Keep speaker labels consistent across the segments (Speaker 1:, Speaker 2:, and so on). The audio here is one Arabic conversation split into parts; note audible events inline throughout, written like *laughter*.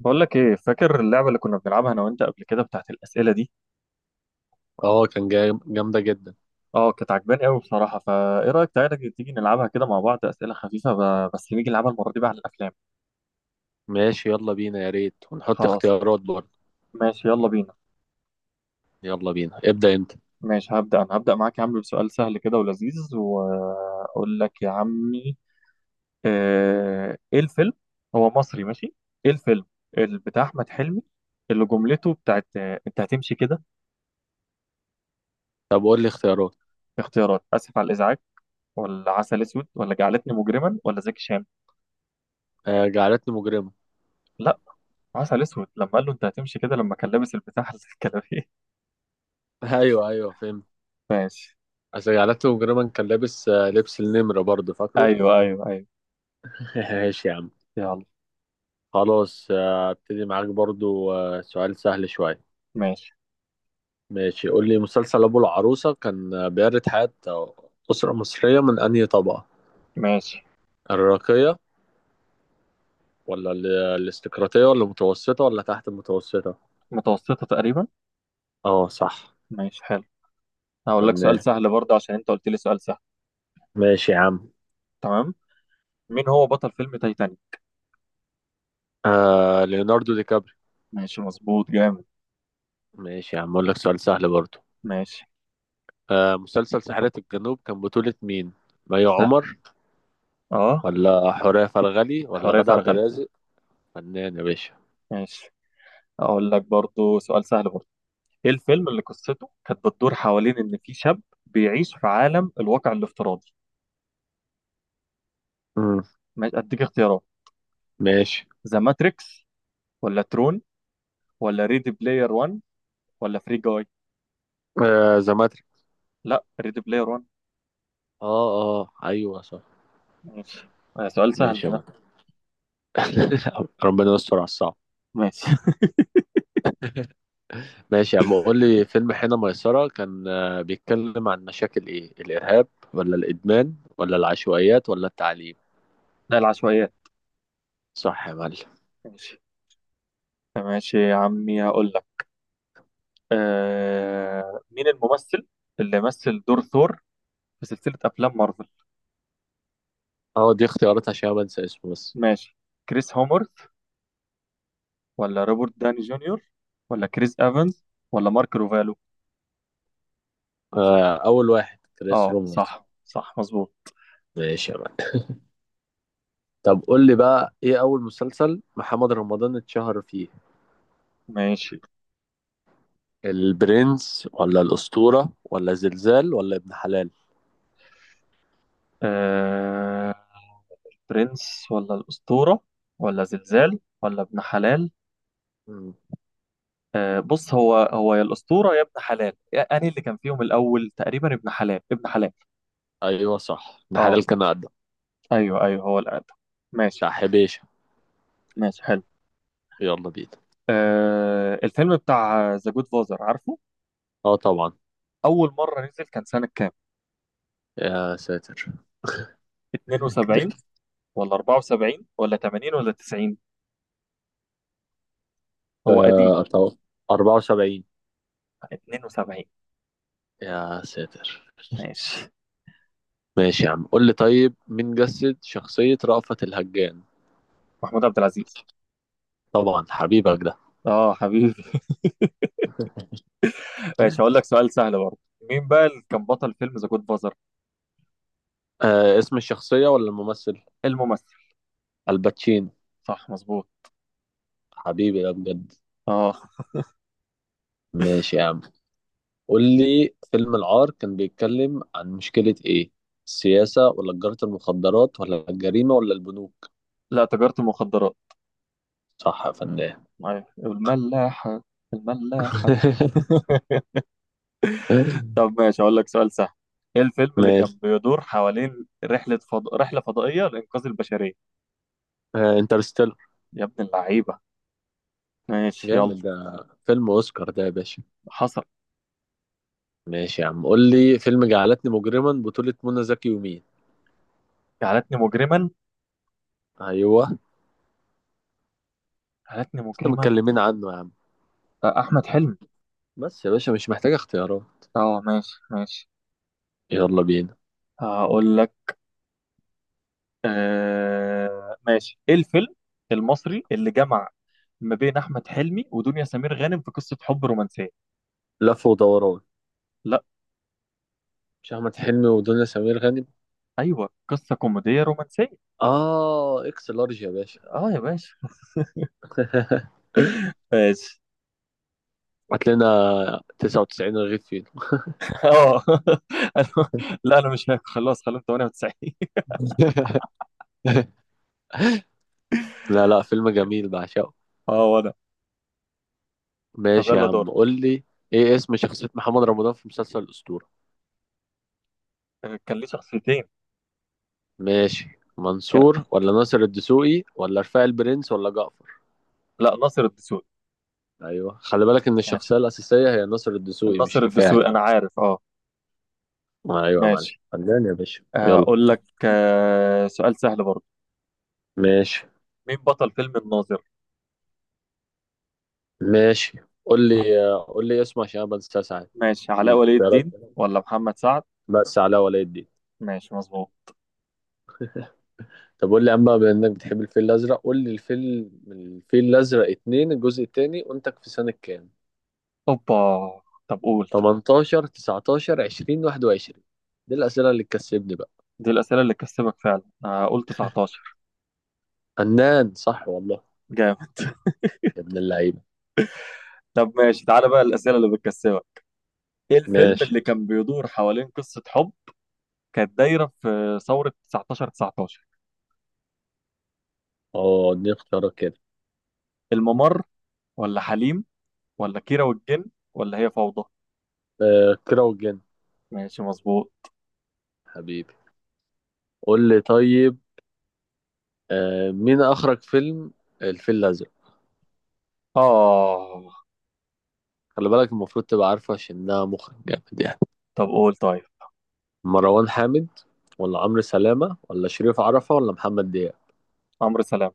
Speaker 1: بقول لك ايه، فاكر اللعبه اللي كنا بنلعبها انا وانت قبل كده بتاعت الاسئله دي؟
Speaker 2: اه كان جاي جامدة جدا.
Speaker 1: اه كانت عجباني قوي بصراحه، فايه رايك تعالى تيجي نلعبها كده مع بعض اسئله خفيفه، بس نيجي نلعبها المره دي بقى على الافلام.
Speaker 2: ماشي، يلا بينا، يا ريت ونحط
Speaker 1: خلاص.
Speaker 2: اختيارات برضه.
Speaker 1: ماشي يلا بينا.
Speaker 2: يلا بينا، ابدأ انت.
Speaker 1: ماشي، هبدا انا هبدا معاك يا عم بسؤال سهل كده ولذيذ، واقول لك يا عمي. ايه الفيلم؟ هو مصري ماشي. ايه الفيلم اللي بتاع احمد حلمي، اللي جملته بتاعت انت هتمشي كده؟
Speaker 2: طب قول لي اختيارات.
Speaker 1: اختيارات: اسف على الازعاج، ولا عسل اسود، ولا جعلتني مجرما، ولا زكي شان.
Speaker 2: آه، جعلتني مجرما.
Speaker 1: لا، عسل اسود لما قال له انت هتمشي كده لما كان لابس البتاع *laughs* الكلابيه.
Speaker 2: *laughs* ايوه ايوه، فهمت.
Speaker 1: ماشي.
Speaker 2: اصل جعلتني مجرما كان لابس، لبس النمرة برضه، فاكره؟
Speaker 1: ايوه ايوه ايوه.
Speaker 2: *laughs* ماشي يا عم.
Speaker 1: يلا.
Speaker 2: خلاص. ابتدي معاك برضه. سؤال سهل شوية.
Speaker 1: ماشي.
Speaker 2: ماشي، قول لي مسلسل ابو العروسة كان بيعرض حياة أسرة مصرية من أنهي طبقة؟
Speaker 1: ماشي.
Speaker 2: الراقية ولا الاستقراطية ولا المتوسطة ولا تحت المتوسطة؟
Speaker 1: متوسطه تقريبا.
Speaker 2: اه صح.
Speaker 1: ماشي حلو. هقول لك سؤال
Speaker 2: فنان.
Speaker 1: سهل برضه عشان انت قلت لي سؤال سهل.
Speaker 2: ماشي يا عم.
Speaker 1: تمام. مين هو بطل فيلم تايتانيك؟
Speaker 2: آه، ليوناردو دي كابري.
Speaker 1: ماشي مظبوط جامد.
Speaker 2: ماشي يا عم، اقول لك سؤال سهل برضو.
Speaker 1: ماشي.
Speaker 2: مسلسل ساحرة الجنوب كان بطولة مين؟ مي
Speaker 1: سهل.
Speaker 2: عمر
Speaker 1: اه.
Speaker 2: ولا حورية فرغلي ولا
Speaker 1: حورية
Speaker 2: غادة عبد
Speaker 1: فرغلي.
Speaker 2: الرازق؟ فنان يا باشا.
Speaker 1: ماشي. اقول لك برضه سؤال سهل برضه. ايه الفيلم اللي قصته كانت بتدور حوالين ان في شاب بيعيش في عالم الواقع الافتراضي؟
Speaker 2: مم.
Speaker 1: ماشي اديك اختيارات:
Speaker 2: ماشي.
Speaker 1: ذا ماتريكس، ولا ترون، ولا ريدي بلاير 1، ولا فري جاي.
Speaker 2: آه، زماتري.
Speaker 1: لا، ريدي بلاير 1.
Speaker 2: اه. اه ايوه صح.
Speaker 1: ماشي. سؤال سهل
Speaker 2: ماشي يا
Speaker 1: ده.
Speaker 2: مان. *laughs* ربنا يستر على الصعب.
Speaker 1: ماشي.
Speaker 2: ماشي يا عم، قول لي فيلم حين ميسرة كان بيتكلم عن مشاكل ايه؟ الارهاب ولا الادمان ولا العشوائيات ولا التعليم؟
Speaker 1: *laughs* ده العشوائيات.
Speaker 2: صح يا معلم.
Speaker 1: ماشي. ماشي يا عمي هقول لك. مين الممثل اللي مثل دور ثور في سلسلة أفلام مارفل؟
Speaker 2: اه، دي اختيارات عشان ما انسى اسمه بس.
Speaker 1: ماشي، كريس هومورث، ولا روبرت داني جونيور، ولا كريس إيفانز، ولا مارك روفالو.
Speaker 2: أول واحد كريس
Speaker 1: اه
Speaker 2: رومرز.
Speaker 1: صح صح مظبوط.
Speaker 2: ماشي يا معلم. طب قول لي بقى، إيه أول مسلسل محمد رمضان اتشهر فيه؟
Speaker 1: ماشي.
Speaker 2: البرنس ولا الأسطورة ولا زلزال ولا ابن حلال؟
Speaker 1: آه... برنس، ولا الأسطورة، ولا زلزال، ولا ابن حلال؟
Speaker 2: مم.
Speaker 1: بص، هو هو يا الأسطورة يا ابن حلال أنهي اللي كان فيهم الأول؟ تقريبا ابن حلال، ابن حلال.
Speaker 2: أيوه صح، ابن
Speaker 1: اه
Speaker 2: حلال كان أقدم.
Speaker 1: أيوه أيوه، هو الأقدم. ماشي.
Speaker 2: بتاع حبيشة.
Speaker 1: ماشي حلو.
Speaker 2: يلا بينا.
Speaker 1: آه الفيلم بتاع ذا جود فازر، عارفه؟
Speaker 2: أه طبعا.
Speaker 1: أول مرة نزل كان سنة كام؟
Speaker 2: يا ساتر كده.
Speaker 1: 72 ولا 74 ولا 80 ولا 90؟ هو قديم.
Speaker 2: أتوقع 74.
Speaker 1: 72.
Speaker 2: يا ساتر.
Speaker 1: ماشي.
Speaker 2: ماشي يا عم، قول لي طيب، مين جسد شخصية رأفت الهجان؟
Speaker 1: محمود عبد العزيز.
Speaker 2: طبعا حبيبك ده.
Speaker 1: اه حبيبي. *laughs* ماشي هقول لك سؤال سهل برضه. مين بقى اللي كان بطل فيلم ذا جود فازر؟
Speaker 2: اسم الشخصية ولا الممثل؟
Speaker 1: الممثل.
Speaker 2: الباتشينو.
Speaker 1: صح مظبوط.
Speaker 2: حبيبي ده بجد.
Speaker 1: اه.
Speaker 2: ماشي يا عم، قول لي فيلم العار كان بيتكلم عن مشكلة ايه؟ السياسة ولا تجارة المخدرات ولا الجريمة ولا البنوك؟
Speaker 1: لا، تجارة المخدرات.
Speaker 2: صح يا فنان.
Speaker 1: أيوة. الملاحة. الملاحة.
Speaker 2: *laughs*
Speaker 1: *laughs* طب ماشي أقول لك سؤال سهل. إيه الفيلم اللي كان
Speaker 2: ماشي.
Speaker 1: بيدور حوالين رحلة فضائية لإنقاذ البشرية؟
Speaker 2: انترستيلر.
Speaker 1: يا ابن اللعيبة. ماشي يلا.
Speaker 2: جامد ده، فيلم اوسكار ده يا باشا.
Speaker 1: حصل.
Speaker 2: ماشي يا عم، قول لي فيلم جعلتني مجرما بطولة منى زكي ومين؟
Speaker 1: جعلتني مجرما.
Speaker 2: ايوه.
Speaker 1: جعلتني
Speaker 2: احنا
Speaker 1: مجرما.
Speaker 2: متكلمين عنه يا عم.
Speaker 1: أحمد حلمي.
Speaker 2: بس يا باشا مش محتاج اختيارات.
Speaker 1: أه ماشي ماشي.
Speaker 2: يلا بينا.
Speaker 1: هقول لك. ماشي، إيه الفيلم المصري اللي جمع ما بين أحمد حلمي ودنيا سمير غانم في قصة حب رومانسية؟
Speaker 2: لف ودوران.
Speaker 1: لا.
Speaker 2: مش احمد حلمي ودنيا سمير غانم؟
Speaker 1: أيوه، قصة كوميدية رومانسية.
Speaker 2: اه، اكس لارج يا باشا.
Speaker 1: أه يا باشا.
Speaker 2: *laughs*
Speaker 1: ماشي.
Speaker 2: هات لنا، 99 رغيف فين؟
Speaker 1: اه. *laughs* أنا- لا انا مش هاكل خلاص، خليهم 98. *laughs*
Speaker 2: *laughs* لا لا، فيلم جميل بعشقه.
Speaker 1: اه وانا. طب
Speaker 2: ماشي يا
Speaker 1: يلا دور.
Speaker 2: عم، قول لي ايه اسم شخصية محمد رمضان في مسلسل الأسطورة؟
Speaker 1: كان ليه شخصيتين.
Speaker 2: ماشي.
Speaker 1: كان-
Speaker 2: منصور ولا ناصر الدسوقي ولا رفاعي البرنس ولا جعفر؟
Speaker 1: لا، ناصر الدسوقي.
Speaker 2: ايوه، خلي بالك ان
Speaker 1: ماشي.
Speaker 2: الشخصية الأساسية هي ناصر الدسوقي مش
Speaker 1: ناصر
Speaker 2: رفاعي.
Speaker 1: الدسوقي انا عارف اه.
Speaker 2: ايوه يا معلم،
Speaker 1: ماشي.
Speaker 2: فنان يا باشا، يلا.
Speaker 1: اقول لك سؤال سهل برضه.
Speaker 2: ماشي.
Speaker 1: مين بطل فيلم الناظر؟
Speaker 2: ماشي قول لي قول لي اسمه عشان انا بنساه ساعات.
Speaker 1: ماشي، علاء ولي
Speaker 2: للاختيارات،
Speaker 1: الدين ولا محمد سعد.
Speaker 2: بس علاء ولي الدين.
Speaker 1: ماشي مظبوط.
Speaker 2: طب قول لي يا عم بقى، بما انك بتحب الفيل الازرق، قول لي الفيل من الفيل الازرق اتنين، الجزء التاني، وانت في سنة كام؟
Speaker 1: اوبا. طب قول.
Speaker 2: 18 19 20 21؟ دي الاسئله اللي تكسبني بقى.
Speaker 1: دي الاسئله اللي تكسبك فعلا. قول 19.
Speaker 2: فنان، صح والله.
Speaker 1: جامد.
Speaker 2: يا ابن اللعيبه.
Speaker 1: طب ماشي تعالى بقى الاسئله اللي بتكسبك. ايه الفيلم
Speaker 2: ماشي.
Speaker 1: اللي كان بيدور حوالين قصه حب كانت دايرة في ثورة 19 19؟
Speaker 2: اه، دي اختيارات كده.
Speaker 1: الممر، ولا حليم، ولا كيرة والجن، ولا هي فوضى؟
Speaker 2: كيرة والجن.
Speaker 1: ماشي مظبوط.
Speaker 2: حبيبي. قول لي طيب، مين اخرج فيلم الفيل الازرق؟
Speaker 1: آه.
Speaker 2: خلي بالك المفروض تبقى عارفه عشان انها مخرج جامد يعني.
Speaker 1: طب قول طيب.
Speaker 2: مروان حامد ولا عمرو سلامه ولا شريف عرفه ولا محمد دياب؟
Speaker 1: عمرو سلام.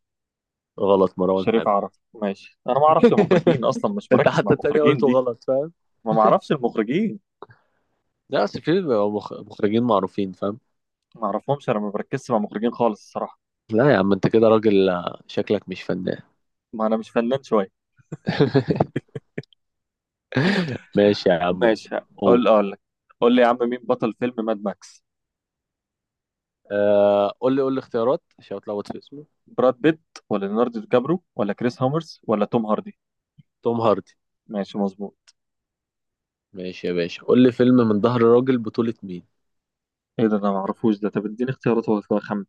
Speaker 2: غلط، مروان
Speaker 1: شريف
Speaker 2: حامد.
Speaker 1: عرف. ماشي انا ما اعرفش المخرجين اصلا،
Speaker 2: *laughs*
Speaker 1: مش
Speaker 2: انت
Speaker 1: مركز مع
Speaker 2: حتى التانية
Speaker 1: المخرجين
Speaker 2: قلته
Speaker 1: دي.
Speaker 2: غلط، فاهم؟
Speaker 1: ما
Speaker 2: *laughs*
Speaker 1: اعرفش المخرجين.
Speaker 2: لا، اصل في بيبقوا مخرجين معروفين، فاهم.
Speaker 1: ما اعرفهمش انا، ما بركزش مع المخرجين خالص الصراحة.
Speaker 2: لا يا عم، انت كده راجل، شكلك مش فنان.
Speaker 1: ما انا مش فنان شوية.
Speaker 2: *laughs* ماشي يا عم،
Speaker 1: ماشي.
Speaker 2: قول.
Speaker 1: اقول لك. قول لي يا عم، مين بطل فيلم ماد ماكس؟
Speaker 2: قول لي قول لي اختيارات عشان اتلخبط في اسمه.
Speaker 1: براد بيت، ولا ليوناردو دي كابرو، ولا كريس هامرز، ولا توم هاردي.
Speaker 2: توم هاردي.
Speaker 1: ماشي مظبوط.
Speaker 2: ماشي يا باشا، قول لي فيلم من ظهر راجل بطولة مين؟
Speaker 1: ايه ده، انا معرفوش ده. طب اديني اختيارات هو كده خمن.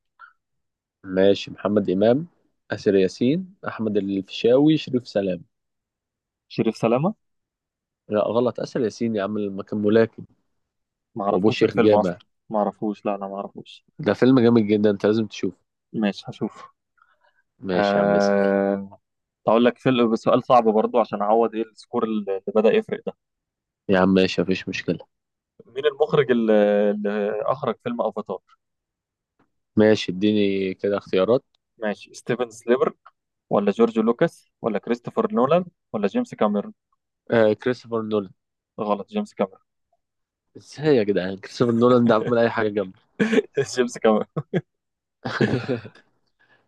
Speaker 2: ماشي. محمد إمام، آسر ياسين، أحمد الفيشاوي، شريف سلام؟
Speaker 1: شريف سلامة.
Speaker 2: لا غلط، آسر ياسين يا عم، لما كان ملاكم وأبوه
Speaker 1: معرفوش
Speaker 2: شيخ
Speaker 1: الفيلم
Speaker 2: جامع.
Speaker 1: اصلا. معرفوش، لا انا معرفوش.
Speaker 2: ده فيلم جامد جدا، أنت لازم تشوفه.
Speaker 1: ماشي هشوف.
Speaker 2: ماشي يا عم، اسأل.
Speaker 1: أه... اقول لك فيلم سؤال صعب برضو عشان اعوض، ايه السكور اللي بدأ يفرق ده.
Speaker 2: يا عم ماشي، مفيش مشكلة.
Speaker 1: مين المخرج اللي اخرج فيلم افاتار؟
Speaker 2: ماشي، اديني كده اختيارات.
Speaker 1: ماشي ستيفن سليبر، ولا جورج لوكاس، ولا كريستوفر نولان، ولا جيمس كاميرون.
Speaker 2: كريستوفر نولان.
Speaker 1: غلط، جيمس كاميرون.
Speaker 2: ازاي يا جدعان، كريستوفر نولان ده عمل اي حاجه جامده.
Speaker 1: *laughs* جيمس كاميرون.
Speaker 2: *laughs*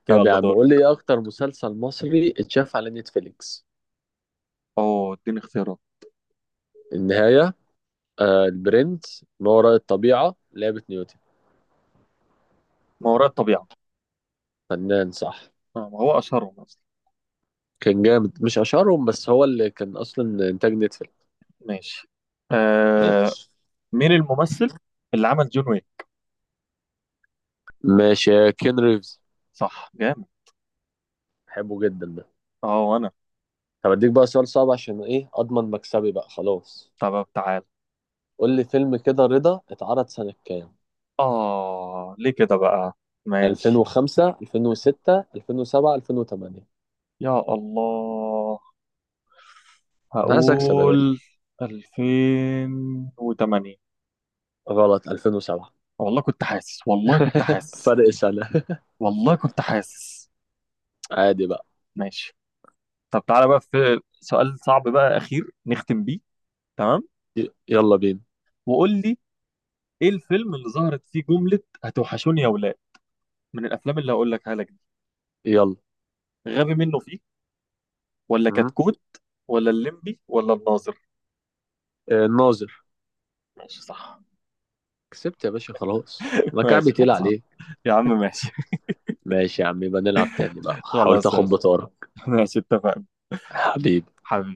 Speaker 2: طب يا
Speaker 1: يلا
Speaker 2: عم،
Speaker 1: دور.
Speaker 2: قول لي ايه اكتر مسلسل مصري اتشاف على نتفليكس؟
Speaker 1: اوه اديني اختيارات.
Speaker 2: النهايه، البرنس، ما وراء الطبيعه، لعبه نيوتن؟
Speaker 1: ما وراء الطبيعة.
Speaker 2: فنان صح.
Speaker 1: ما هو اشهرهم اصلا.
Speaker 2: كان جامد، مش اشهرهم، بس هو اللي كان اصلا انتاج نتفليكس.
Speaker 1: ماشي. أه...
Speaker 2: ماشي.
Speaker 1: مين الممثل اللي عمل جون ويك؟
Speaker 2: ماشي. كين ريفز.
Speaker 1: صح جامد.
Speaker 2: بحبه جدا ده.
Speaker 1: اه وانا.
Speaker 2: طب اديك بقى سؤال صعب عشان ايه، اضمن مكسبي بقى، خلاص.
Speaker 1: طب تعال.
Speaker 2: قول لي فيلم كده رضا اتعرض سنه كام؟
Speaker 1: اه ليه كده بقى. ماشي.
Speaker 2: 2005 2006 2007 2008؟
Speaker 1: يا الله.
Speaker 2: انا عايز اكسب يا باشا.
Speaker 1: هقول 2008.
Speaker 2: غلط، 2007.
Speaker 1: والله كنت حاسس. والله كنت
Speaker 2: *laughs*
Speaker 1: حاسس.
Speaker 2: فرق سنة.
Speaker 1: والله كنت حاسس.
Speaker 2: عادي بقى.
Speaker 1: ماشي. طب تعالى بقى في سؤال صعب بقى اخير نختم بيه. تمام.
Speaker 2: يلا بينا.
Speaker 1: وقول لي، ايه الفيلم اللي ظهرت فيه جملة هتوحشوني يا ولاد؟ من الافلام اللي هقول لك عليها دي:
Speaker 2: يلا.
Speaker 1: غبي منه فيه، ولا
Speaker 2: م?
Speaker 1: كتكوت، ولا الليمبي، ولا الناظر.
Speaker 2: الناظر.
Speaker 1: ماشي صح.
Speaker 2: كسبت يا باشا خلاص،
Speaker 1: *laughs*
Speaker 2: ما كعبي
Speaker 1: ماشي
Speaker 2: تقيل
Speaker 1: خلصان
Speaker 2: عليك.
Speaker 1: يا عم. ماشي.
Speaker 2: ماشي يا عم، يبقى نلعب تاني بقى، حاولت
Speaker 1: خلاص
Speaker 2: اخد
Speaker 1: ماشي.
Speaker 2: بطارك.
Speaker 1: ماشي اتفقنا.
Speaker 2: حبيبي.
Speaker 1: حبيبي.